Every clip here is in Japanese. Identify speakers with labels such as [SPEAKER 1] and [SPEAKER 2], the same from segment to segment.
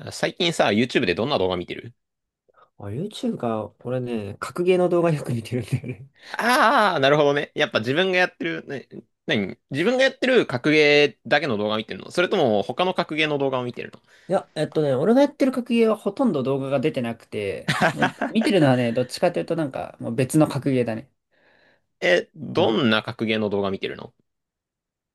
[SPEAKER 1] 最近さ、YouTube でどんな動画見てる？
[SPEAKER 2] あ、YouTube か。俺ね、格ゲーの動画よく見てるんだよね。
[SPEAKER 1] ああー、なるほどね。やっぱ自分がやってる、ね、何自分がやってる格ゲーだけの動画見てるの？それとも他の格ゲーの動画を見てるの？
[SPEAKER 2] いや、俺がやってる格ゲーはほとんど動画が出てなくて、ま見てるのはね、どっちかというともう別の格ゲーだね。
[SPEAKER 1] え、
[SPEAKER 2] う
[SPEAKER 1] ど
[SPEAKER 2] ん。
[SPEAKER 1] んな格ゲーの動画見てるの？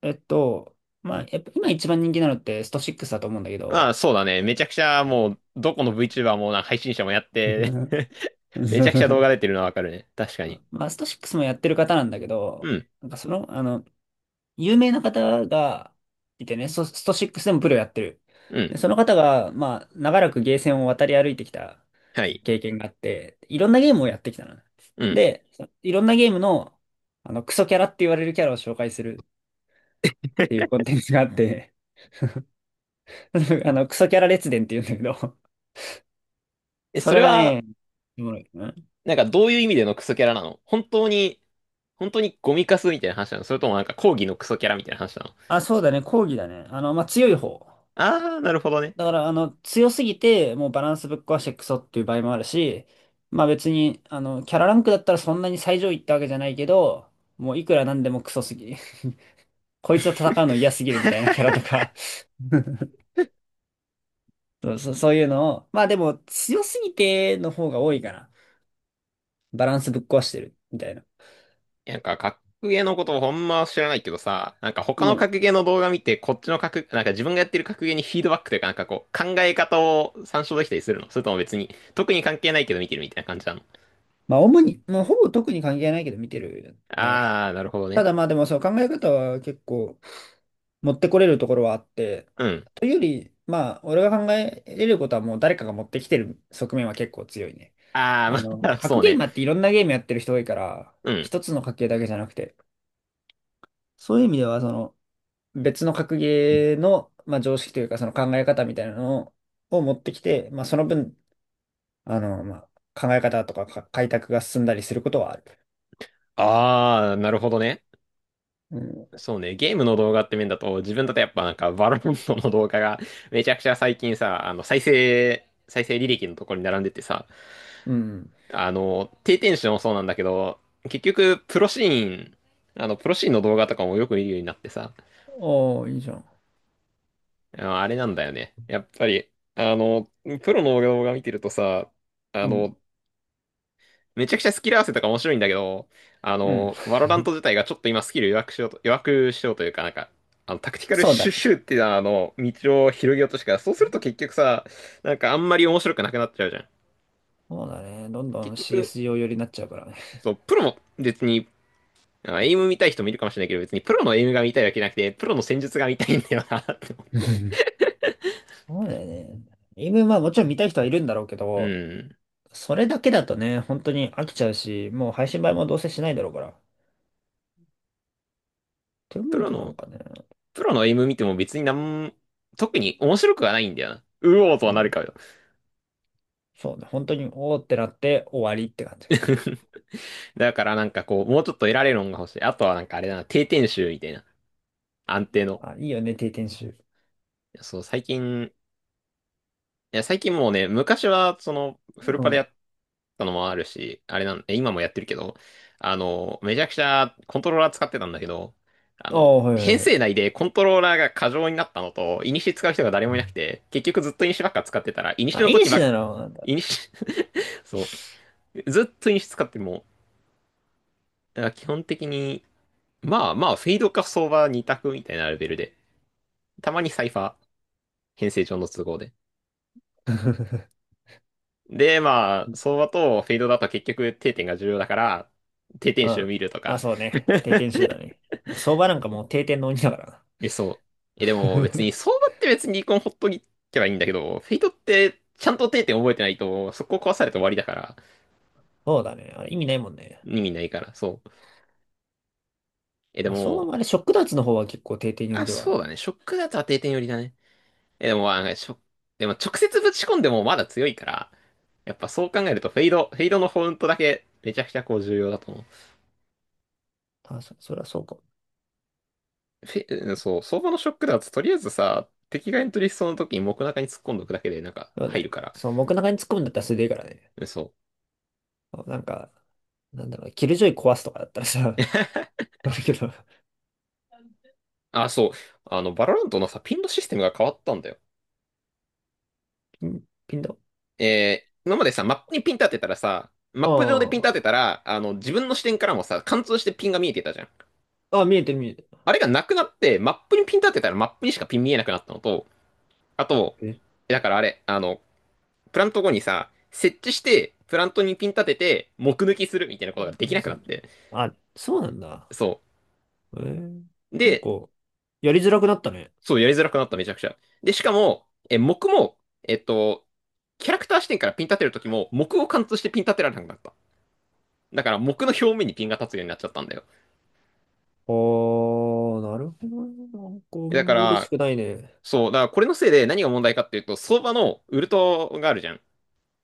[SPEAKER 2] えっと、まあ、やっぱ今一番人気なのってスト6だと思うんだけ
[SPEAKER 1] まあ
[SPEAKER 2] ど、
[SPEAKER 1] そうだね。めちゃくちゃもう、どこの VTuber もな配信者もやって めちゃくちゃ動画出てるのはわかるね。確かに。
[SPEAKER 2] まあ、スト6もやってる方なんだけ
[SPEAKER 1] う
[SPEAKER 2] ど、
[SPEAKER 1] ん、
[SPEAKER 2] なんかその、あの、有名な方がいてね、スト6でもプロやってる。
[SPEAKER 1] うん、
[SPEAKER 2] で、その方が、まあ、長らくゲーセンを渡り歩いてきた
[SPEAKER 1] はい、
[SPEAKER 2] 経験があって、いろんなゲームをやってきたの。
[SPEAKER 1] うん。
[SPEAKER 2] で、そいろんなゲームの、クソキャラって言われるキャラを紹介するっていうコンテンツがあって、クソキャラ列伝って言うんだけど、
[SPEAKER 1] え、
[SPEAKER 2] そ
[SPEAKER 1] それ
[SPEAKER 2] れが
[SPEAKER 1] は、
[SPEAKER 2] ね、おもろい。うん。
[SPEAKER 1] なんかどういう意味でのクソキャラなの？本当に、本当にゴミカスみたいな話なの？それともなんか講義のクソキャラみたいな話なの？
[SPEAKER 2] あ、そうだね、講義だね。まあ、強い方。
[SPEAKER 1] あー、なるほどね。
[SPEAKER 2] だから、強すぎて、もうバランスぶっ壊してクソっていう場合もあるし、まあ別に、キャラランクだったらそんなに最上位ってわけじゃないけど、もういくらなんでもクソすぎ。こいつと戦うの嫌すぎるみたいなキャラとか そうそう、そういうのを、まあでも強すぎての方が多いから、バランスぶっ壊してるみたいな。
[SPEAKER 1] なんか、格ゲーのことをほんま知らないけどさ、なんか他
[SPEAKER 2] う
[SPEAKER 1] の
[SPEAKER 2] ん。
[SPEAKER 1] 格ゲーの動画見て、こっちの格、なんか自分がやってる格ゲーにフィードバックというか、なんかこう、考え方を参照できたりするの？それとも別に、特に関係ないけど見てるみたいな感じなの？
[SPEAKER 2] まあ主に、もうほぼ特に関係ないけど見てるね。
[SPEAKER 1] あー、なるほど
[SPEAKER 2] た
[SPEAKER 1] ね。
[SPEAKER 2] だまあでもそう、考え方は結構持ってこれるところはあって、
[SPEAKER 1] うん。
[SPEAKER 2] というより、まあ俺が考えれることはもう誰かが持ってきてる側面は結構強いね。
[SPEAKER 1] あー、まあ、
[SPEAKER 2] 格
[SPEAKER 1] そう
[SPEAKER 2] ゲーマ
[SPEAKER 1] ね。
[SPEAKER 2] ーっていろんなゲームやってる人多いから、
[SPEAKER 1] うん。
[SPEAKER 2] 一つの格ゲーだけじゃなくて、そういう意味ではその、別の格ゲーの、まあ、常識というか、その考え方みたいなのを持ってきて、まあ、その分、あの、まあ、考え方とかか開拓が進んだりすることはある。
[SPEAKER 1] あー、なるほどね。
[SPEAKER 2] うん。
[SPEAKER 1] そうね、ゲームの動画って面だと、自分だとやっぱなんか、バロモントの動画が、めちゃくちゃ最近さ、再生、再生履歴のところに並んでてさ、
[SPEAKER 2] うん。
[SPEAKER 1] 低テンションもそうなんだけど、結局、プロシーン、プロシーンの動画とかもよく見るようになってさ、
[SPEAKER 2] おー、いいじゃん。
[SPEAKER 1] ああれなんだよね。やっぱり、あの、プロの動画見てるとさ、あ
[SPEAKER 2] うん。
[SPEAKER 1] の、めちゃくちゃスキル合わせとか面白いんだけど、
[SPEAKER 2] うん。
[SPEAKER 1] ワロラント自体がちょっと今スキル弱くしようというか、なんか、タクティカル
[SPEAKER 2] そうだ
[SPEAKER 1] シュッ
[SPEAKER 2] ね。
[SPEAKER 1] シュっていう道を広げようとしてから、そうすると結局さ、なんかあんまり面白くなくなっちゃうじゃん。
[SPEAKER 2] そうだね。どんど
[SPEAKER 1] 結
[SPEAKER 2] ん
[SPEAKER 1] 局、
[SPEAKER 2] CSGO 寄りになっちゃうからね。
[SPEAKER 1] そう、プロも別にまあエイム見たい人もいるかもしれないけど、別にプロのエイムが見たいわけじゃなくて、プロの戦術が見たいんだよなって思う。
[SPEAKER 2] そうだよね。今、まあもちろん見たい人はいるんだろうけ
[SPEAKER 1] う
[SPEAKER 2] ど、
[SPEAKER 1] ん。
[SPEAKER 2] それだけだとね、本当に飽きちゃうし、もう配信映えもどうせしないだろうから。って思
[SPEAKER 1] プ
[SPEAKER 2] う
[SPEAKER 1] ロ
[SPEAKER 2] となん
[SPEAKER 1] の、
[SPEAKER 2] かね、
[SPEAKER 1] プロのエイム見ても別になん、特に面白くはないんだよな。うおーと
[SPEAKER 2] う
[SPEAKER 1] はなる
[SPEAKER 2] ん。
[SPEAKER 1] かよ。
[SPEAKER 2] そうね。本当に、おーってなって終わりって感じかな。
[SPEAKER 1] だからなんかこう、もうちょっと得られるのが欲しい。あとはなんかあれだな、定点集みたいな。安定の。
[SPEAKER 2] あ、いいよね、定点集。
[SPEAKER 1] いやそう、最近、いや、最近もうね、昔はその、フル
[SPEAKER 2] う
[SPEAKER 1] パでや
[SPEAKER 2] ん。
[SPEAKER 1] ったのもあるし、あれなん、え今もやってるけど、めちゃくちゃコントローラー使ってたんだけど、
[SPEAKER 2] ああ、はいは
[SPEAKER 1] 編
[SPEAKER 2] いはい。
[SPEAKER 1] 成内でコントローラーが過剰になったのと、イニシ使う人が誰も
[SPEAKER 2] う
[SPEAKER 1] いなく
[SPEAKER 2] ん。
[SPEAKER 1] て、結局ずっとイニシばっか使ってたら、イニシ
[SPEAKER 2] あ、
[SPEAKER 1] の
[SPEAKER 2] いい
[SPEAKER 1] 時ば
[SPEAKER 2] し
[SPEAKER 1] っ、
[SPEAKER 2] なの、なんだ。
[SPEAKER 1] イニシ そう、ずっとイニシ使っても、だから基本的に、フェイドか相場二択みたいなレベルで、たまにサイファー、編成上の都合で。で、まあ、相場とフェイドだと結局定点が重要だから、定点
[SPEAKER 2] う
[SPEAKER 1] 集
[SPEAKER 2] ん。
[SPEAKER 1] 見ると
[SPEAKER 2] あ、
[SPEAKER 1] か。
[SPEAKER 2] そう ね。定点集だね。まあ相場なんかもう定点の鬼だからな。
[SPEAKER 1] え、そう。え、でも別に、相場って別に離婚ほっとけばいいんだけど、フェイトってちゃんと定点覚えてないと、そこ壊されて終わりだから、
[SPEAKER 2] そうだね。あれ意味ないもんね。
[SPEAKER 1] 意味ないから、そう。え、で
[SPEAKER 2] まあ、相場
[SPEAKER 1] も、
[SPEAKER 2] もあれ、ショック脱の方は結構定点寄り
[SPEAKER 1] あ、
[SPEAKER 2] ではあ
[SPEAKER 1] そ
[SPEAKER 2] る。
[SPEAKER 1] うだね。ショックだとは定点寄りだね。え、でも、でも直接ぶち込んでもまだ強いから、やっぱそう考えるとフェイドのフォントだけめちゃくちゃこう重要だと思う。
[SPEAKER 2] あ、そ、それはそうかも。
[SPEAKER 1] うんそう、相場のショックだととりあえずさ、敵がエントリーしそうな時に木中に突っ込んどくだけでなんか
[SPEAKER 2] でも
[SPEAKER 1] 入る
[SPEAKER 2] ね、
[SPEAKER 1] から、
[SPEAKER 2] その僕の中に突っ込むんだったらそれでいいからね。
[SPEAKER 1] うんそう。
[SPEAKER 2] そうなんか、なんだろうね、キルジョイ壊すとかだったらさ、あるけど、
[SPEAKER 1] あ、そう。あの、バロラントのさ、ピンのシステムが変わったんだよ。
[SPEAKER 2] ピン、ピンだ。
[SPEAKER 1] えー、今までさ、マップにピン立てたらさ、マップ上でピン立て
[SPEAKER 2] あ
[SPEAKER 1] たら、自分の視点からもさ、貫通してピンが見えてたじゃん。
[SPEAKER 2] あ、あ、見えてる見えて
[SPEAKER 1] あれがなくなって、マップにピン立てたらマップにしかピン見えなくなったのと、あと、
[SPEAKER 2] る。
[SPEAKER 1] だからあれ、プラント後にさ、設置して、プラントにピン立てて、目抜きするみたいなことが
[SPEAKER 2] な
[SPEAKER 1] で
[SPEAKER 2] ん
[SPEAKER 1] き
[SPEAKER 2] か
[SPEAKER 1] なく
[SPEAKER 2] そ
[SPEAKER 1] なっ
[SPEAKER 2] う、
[SPEAKER 1] て。
[SPEAKER 2] あ、そうなんだ。
[SPEAKER 1] そ
[SPEAKER 2] えー、
[SPEAKER 1] う。
[SPEAKER 2] なんか、
[SPEAKER 1] で、
[SPEAKER 2] やりづらくなったね。
[SPEAKER 1] そう、やりづらくなった、めちゃくちゃ。で、しかも、え、目も、えっと、キャラクター視点からピン立てるときも、目を貫通してピン立てられなくなった。だから、目の表面にピンが立つようになっちゃったんだよ。
[SPEAKER 2] あー、なるほどね。なんか、あ
[SPEAKER 1] えだ
[SPEAKER 2] ん
[SPEAKER 1] か
[SPEAKER 2] ま嬉し
[SPEAKER 1] ら、
[SPEAKER 2] くないね。
[SPEAKER 1] そう、だからこれのせいで何が問題かっていうと、相場のウルトがあるじゃん。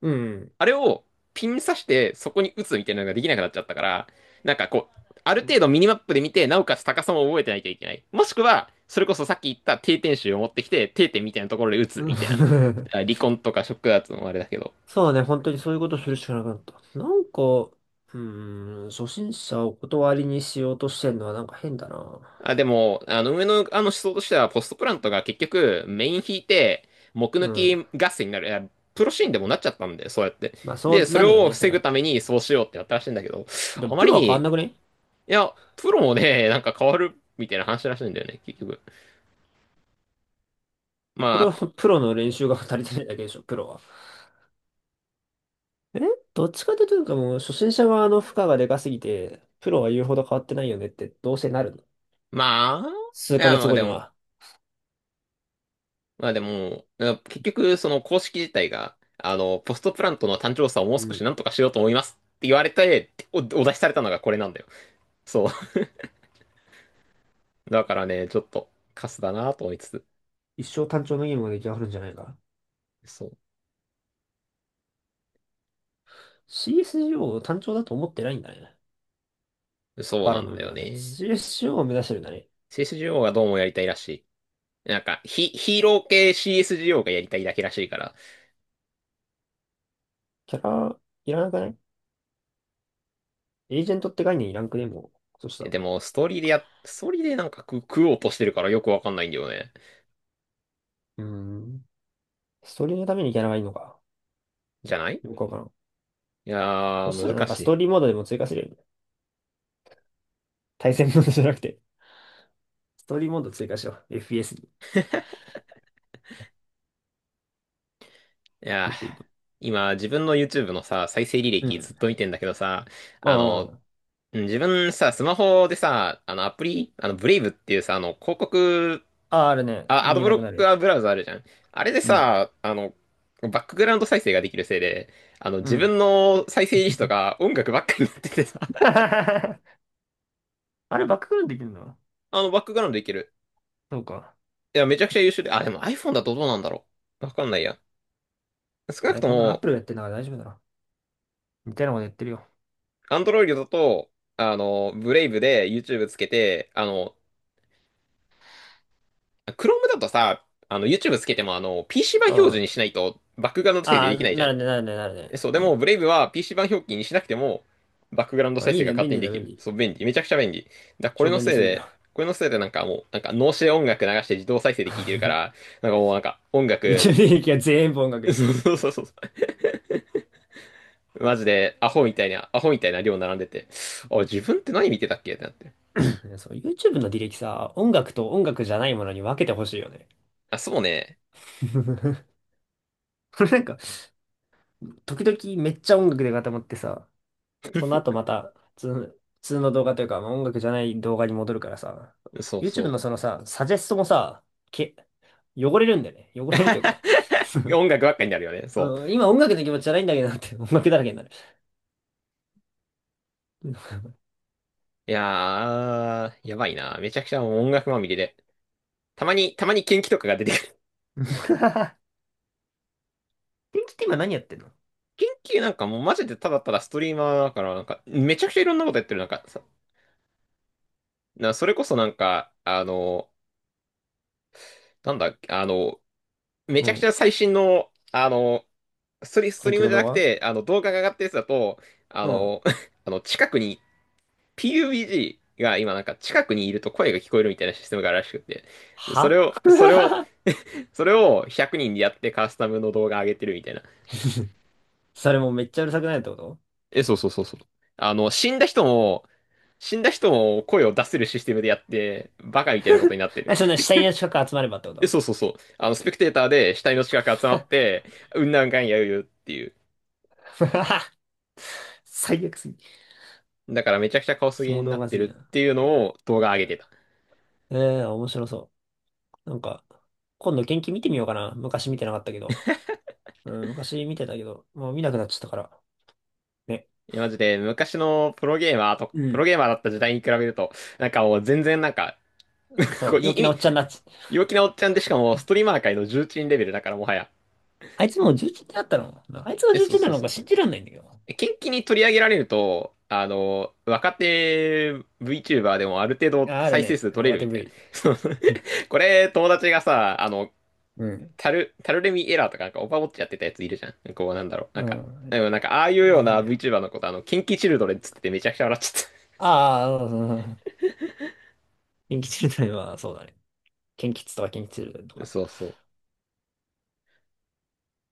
[SPEAKER 2] うん。
[SPEAKER 1] あれをピン刺して、そこに打つみたいなのができなくなっちゃったから、なんかこう、ある
[SPEAKER 2] うん。
[SPEAKER 1] 程度ミニマップで見て、なおかつ高さも覚えてないといけない。もしくは、それこそさっき言った定点集を持ってきて、定点みたいなところで打つみたいな。あ離 婚とかショックダーツのあれだけど。
[SPEAKER 2] そうね、本当にそういうことするしかなくなった。なんか、うーん、初心者をお断りにしようとしてんのはなんか変だな。
[SPEAKER 1] あ、でも、上の思想としては、ポストプラントが結局、メイン引いて、木
[SPEAKER 2] う
[SPEAKER 1] 抜
[SPEAKER 2] ん。
[SPEAKER 1] き合戦になる、いやプロシーンでもなっちゃったんで、そうやって。
[SPEAKER 2] まあ、そ
[SPEAKER 1] で、
[SPEAKER 2] う
[SPEAKER 1] そ
[SPEAKER 2] な
[SPEAKER 1] れ
[SPEAKER 2] るよ
[SPEAKER 1] を
[SPEAKER 2] ね、そ
[SPEAKER 1] 防
[SPEAKER 2] れ
[SPEAKER 1] ぐ
[SPEAKER 2] は。
[SPEAKER 1] ためにそうしようってやったらしいんだけど、
[SPEAKER 2] でも、
[SPEAKER 1] あま
[SPEAKER 2] プ
[SPEAKER 1] り
[SPEAKER 2] ロは
[SPEAKER 1] に、
[SPEAKER 2] 変わん
[SPEAKER 1] い
[SPEAKER 2] なくね？
[SPEAKER 1] や、プロもね、なんか変わるみたいな話らしいんだよね、結局。ま
[SPEAKER 2] そ
[SPEAKER 1] あ、
[SPEAKER 2] れ
[SPEAKER 1] あ
[SPEAKER 2] は
[SPEAKER 1] と
[SPEAKER 2] プロの練習が足りてないだけでしょ、プロは。え、どっちかというと、もう初心者側の負荷がでかすぎて、プロは言うほど変わってないよねって、どうせなるの。
[SPEAKER 1] まあ、
[SPEAKER 2] 数
[SPEAKER 1] い
[SPEAKER 2] ヶ
[SPEAKER 1] や、
[SPEAKER 2] 月
[SPEAKER 1] まあ
[SPEAKER 2] 後
[SPEAKER 1] で
[SPEAKER 2] に
[SPEAKER 1] も、
[SPEAKER 2] は。
[SPEAKER 1] まあでも、あ結局、その公式自体が、ポストプラントの単調さをもう
[SPEAKER 2] う
[SPEAKER 1] 少
[SPEAKER 2] ん。
[SPEAKER 1] しなんとかしようと思いますって言われて、お出しされたのがこれなんだよ。そう。だからね、ちょっとカスだなと思いつつ。
[SPEAKER 2] 一生単調のゲームが出来上がるんじゃないか。
[SPEAKER 1] そ
[SPEAKER 2] CSGO を単調だと思ってないんだね。
[SPEAKER 1] う。そう
[SPEAKER 2] バ
[SPEAKER 1] な
[SPEAKER 2] ラ
[SPEAKER 1] ん
[SPEAKER 2] の
[SPEAKER 1] だ
[SPEAKER 2] 海
[SPEAKER 1] よ
[SPEAKER 2] はね。
[SPEAKER 1] ね。
[SPEAKER 2] CSGO を目指してるんだね。
[SPEAKER 1] CSGO がどうもやりたいらしい。なんか、ヒーロー系 CSGO がやりたいだけらしいから。
[SPEAKER 2] キャラ、いらなくない？エージェントって概念いらんくね、もう。そした
[SPEAKER 1] え
[SPEAKER 2] ら。
[SPEAKER 1] でも、ストーリーでや、ストーリーでなんか食おうとしてるからよくわかんないんだよね。
[SPEAKER 2] うーん。ストーリーのためにキャラがいいのか。
[SPEAKER 1] じゃない
[SPEAKER 2] よくわからん。
[SPEAKER 1] いや
[SPEAKER 2] そし
[SPEAKER 1] ー、
[SPEAKER 2] たらな
[SPEAKER 1] 難
[SPEAKER 2] んか
[SPEAKER 1] し
[SPEAKER 2] スト
[SPEAKER 1] い。
[SPEAKER 2] ーリーモードでも追加するよね。対戦モードじゃなくて。ストーリーモード追加しよう。FPS に。
[SPEAKER 1] いやー、
[SPEAKER 2] 一個いいと。
[SPEAKER 1] 今、自分の YouTube のさ、再生履
[SPEAKER 2] うん。
[SPEAKER 1] 歴ずっと見てんだけどさ、
[SPEAKER 2] ま
[SPEAKER 1] あの、
[SPEAKER 2] あ、
[SPEAKER 1] うん自分さ、スマホでさ、あのアプリ、あの、ブレイブっていうさ、あの、広告、
[SPEAKER 2] あ、あるね。
[SPEAKER 1] あ、ア
[SPEAKER 2] 見
[SPEAKER 1] ド
[SPEAKER 2] え
[SPEAKER 1] ブ
[SPEAKER 2] な
[SPEAKER 1] ロッ
[SPEAKER 2] くなる
[SPEAKER 1] ク
[SPEAKER 2] や
[SPEAKER 1] は
[SPEAKER 2] つ。
[SPEAKER 1] ブラウザあるじゃん。あれで
[SPEAKER 2] うん。
[SPEAKER 1] さ、バックグラウンド再生ができるせいで、
[SPEAKER 2] う
[SPEAKER 1] 自
[SPEAKER 2] ん。
[SPEAKER 1] 分の再生リスト が音楽ばっかりになっててさ、
[SPEAKER 2] あれ、バックグラウンドできるの？
[SPEAKER 1] あの、バックグラウンドできる。
[SPEAKER 2] そうか。
[SPEAKER 1] いや、めちゃくちゃ優秀で、あ、でも iPhone だとどうなんだろう。わかんないや。少なく
[SPEAKER 2] え、
[SPEAKER 1] と
[SPEAKER 2] こんなのアッ
[SPEAKER 1] も、
[SPEAKER 2] プルがやってるのから大丈夫だろ。みたいなことやってるよ。
[SPEAKER 1] Android だと、ブレイブで YouTube つけて、あの、Chrome だとさ、YouTube つけても、PC 版
[SPEAKER 2] うん。
[SPEAKER 1] 表示
[SPEAKER 2] あ
[SPEAKER 1] にしないと、バックグラウンド再生
[SPEAKER 2] あ、
[SPEAKER 1] できないじゃ
[SPEAKER 2] な
[SPEAKER 1] ん。
[SPEAKER 2] るね、なるね、なるね。
[SPEAKER 1] えそう、で
[SPEAKER 2] うん。
[SPEAKER 1] も、ブレイブは PC 版表記にしなくても、バックグラウンド
[SPEAKER 2] あ、
[SPEAKER 1] 再
[SPEAKER 2] いい
[SPEAKER 1] 生が
[SPEAKER 2] ね、
[SPEAKER 1] 勝
[SPEAKER 2] 便
[SPEAKER 1] 手に
[SPEAKER 2] 利
[SPEAKER 1] で
[SPEAKER 2] だ、
[SPEAKER 1] き
[SPEAKER 2] 便
[SPEAKER 1] る。
[SPEAKER 2] 利。
[SPEAKER 1] そう、便利。めちゃくちゃ便利。だからこれ
[SPEAKER 2] 超
[SPEAKER 1] の
[SPEAKER 2] 便利
[SPEAKER 1] せい
[SPEAKER 2] すぎる。
[SPEAKER 1] で、これのせいでなんかもう、なんか脳死で音楽流して自動再生で聴いてるから、なんかもうなんか音
[SPEAKER 2] YouTube
[SPEAKER 1] 楽、
[SPEAKER 2] の履歴は全部音楽 に。
[SPEAKER 1] そうそうそうそう。マジで、アホみたいな量並んでて、あ、自分って何見てたっけってなって。
[SPEAKER 2] ねそう、YouTube の履歴さ、音楽と音楽じゃないものに分けてほしいよね。
[SPEAKER 1] あ、そうね。
[SPEAKER 2] なんか、時々めっちゃ音楽で固まってさ、その後また普通の、普通の動画というか、まあ、音楽じゃない動画に戻るからさ、
[SPEAKER 1] そう
[SPEAKER 2] YouTube
[SPEAKER 1] そ
[SPEAKER 2] のそのさ、サジェストもさ、け、汚れるんだよね。汚れる
[SPEAKER 1] う。
[SPEAKER 2] というか、
[SPEAKER 1] 音楽ばっかになるよね。そう。
[SPEAKER 2] うん、今音楽の気持ちじゃないんだけどなって、音楽だらけになる。うん
[SPEAKER 1] いやー、やばいな。めちゃくちゃもう音楽まみれで。たまに元気とかが出て
[SPEAKER 2] 天気って今何やってんの？
[SPEAKER 1] 元気なんかもうマジでただただストリーマーだから、なんか、めちゃくちゃいろんなことやってる。それこそなんか、あの、なんだっけ、あの、め
[SPEAKER 2] う
[SPEAKER 1] ちゃくち
[SPEAKER 2] ん。
[SPEAKER 1] ゃ最新の、あの、スト
[SPEAKER 2] 天
[SPEAKER 1] リー
[SPEAKER 2] 気
[SPEAKER 1] ム
[SPEAKER 2] の
[SPEAKER 1] じゃな
[SPEAKER 2] 動
[SPEAKER 1] く
[SPEAKER 2] 画？
[SPEAKER 1] て、あの、動画が上がったやつだと、あ
[SPEAKER 2] うん。
[SPEAKER 1] の、あの、近くに、PUBG が今なんか近くにいると声が聞こえるみたいなシステムがあるらしくて、そ
[SPEAKER 2] は
[SPEAKER 1] れを、それを、それを100人でやってカスタムの動画上げてるみたいな。
[SPEAKER 2] それもめっちゃうるさくないってこと？
[SPEAKER 1] え、そうそうそうそう。あの、死んだ人も、死んだ人も声を出せるシステムでやって、バカみたいなことになってる。
[SPEAKER 2] え、そんな死体の近く集まればってこ
[SPEAKER 1] え、
[SPEAKER 2] と？
[SPEAKER 1] そうそうそう。あの、スペクテーターで死体の近く集まって、うんなんかんやうよっていう。
[SPEAKER 2] 最悪すぎ。
[SPEAKER 1] だからめちゃくちゃカオスゲー
[SPEAKER 2] 肝
[SPEAKER 1] にな
[SPEAKER 2] 動
[SPEAKER 1] っ
[SPEAKER 2] 画
[SPEAKER 1] て
[SPEAKER 2] す
[SPEAKER 1] る
[SPEAKER 2] ぎ
[SPEAKER 1] っ
[SPEAKER 2] な。
[SPEAKER 1] ていうのを動画上げてた。
[SPEAKER 2] ええー、面白そう。なんか、今度元気見てみようかな。昔見てなかったけど。うん、昔見てたけど、もう見なくなっちゃったから。ね。
[SPEAKER 1] いや、マジで昔のプロゲーマーと、
[SPEAKER 2] う
[SPEAKER 1] プロ
[SPEAKER 2] ん。
[SPEAKER 1] ゲーマーだった時代に比べると、なんかもう全然なんか、
[SPEAKER 2] そ
[SPEAKER 1] こう、
[SPEAKER 2] う、
[SPEAKER 1] い、
[SPEAKER 2] 陽気
[SPEAKER 1] 意
[SPEAKER 2] なお
[SPEAKER 1] 味、
[SPEAKER 2] っちゃんになっち。
[SPEAKER 1] 陽気なおっちゃんでしかもストリーマー界の重鎮レベルだからもはや。
[SPEAKER 2] あいつもう11ってなったの？あいつが
[SPEAKER 1] え、
[SPEAKER 2] 重
[SPEAKER 1] そう
[SPEAKER 2] 1な
[SPEAKER 1] そう
[SPEAKER 2] の
[SPEAKER 1] そ
[SPEAKER 2] か
[SPEAKER 1] う。
[SPEAKER 2] 信じらんないんだけど。
[SPEAKER 1] 近畿に取り上げられると、あの、若手 VTuber でもある程度
[SPEAKER 2] あ、ある
[SPEAKER 1] 再生
[SPEAKER 2] ね。
[SPEAKER 1] 数取れ
[SPEAKER 2] 若
[SPEAKER 1] る
[SPEAKER 2] 手
[SPEAKER 1] みたいな。
[SPEAKER 2] V。
[SPEAKER 1] そう これ、友達がさ、あの、
[SPEAKER 2] うん。
[SPEAKER 1] タルレミエラーとか、なんかオパウォッチやってたやついるじゃん。こう、なんだろう。な
[SPEAKER 2] う
[SPEAKER 1] んか、で
[SPEAKER 2] ん。
[SPEAKER 1] もなんか、ああいう
[SPEAKER 2] な
[SPEAKER 1] よう
[SPEAKER 2] るほど
[SPEAKER 1] な
[SPEAKER 2] ね。
[SPEAKER 1] VTuber のこと、あの、近畿チルドレンっつっててめちゃくちゃ笑っちゃ
[SPEAKER 2] ああ、うん。うん。キンキチルドレンは、そうだね。キンキツとかキンキチルドレンと
[SPEAKER 1] った。
[SPEAKER 2] か。
[SPEAKER 1] そうそう。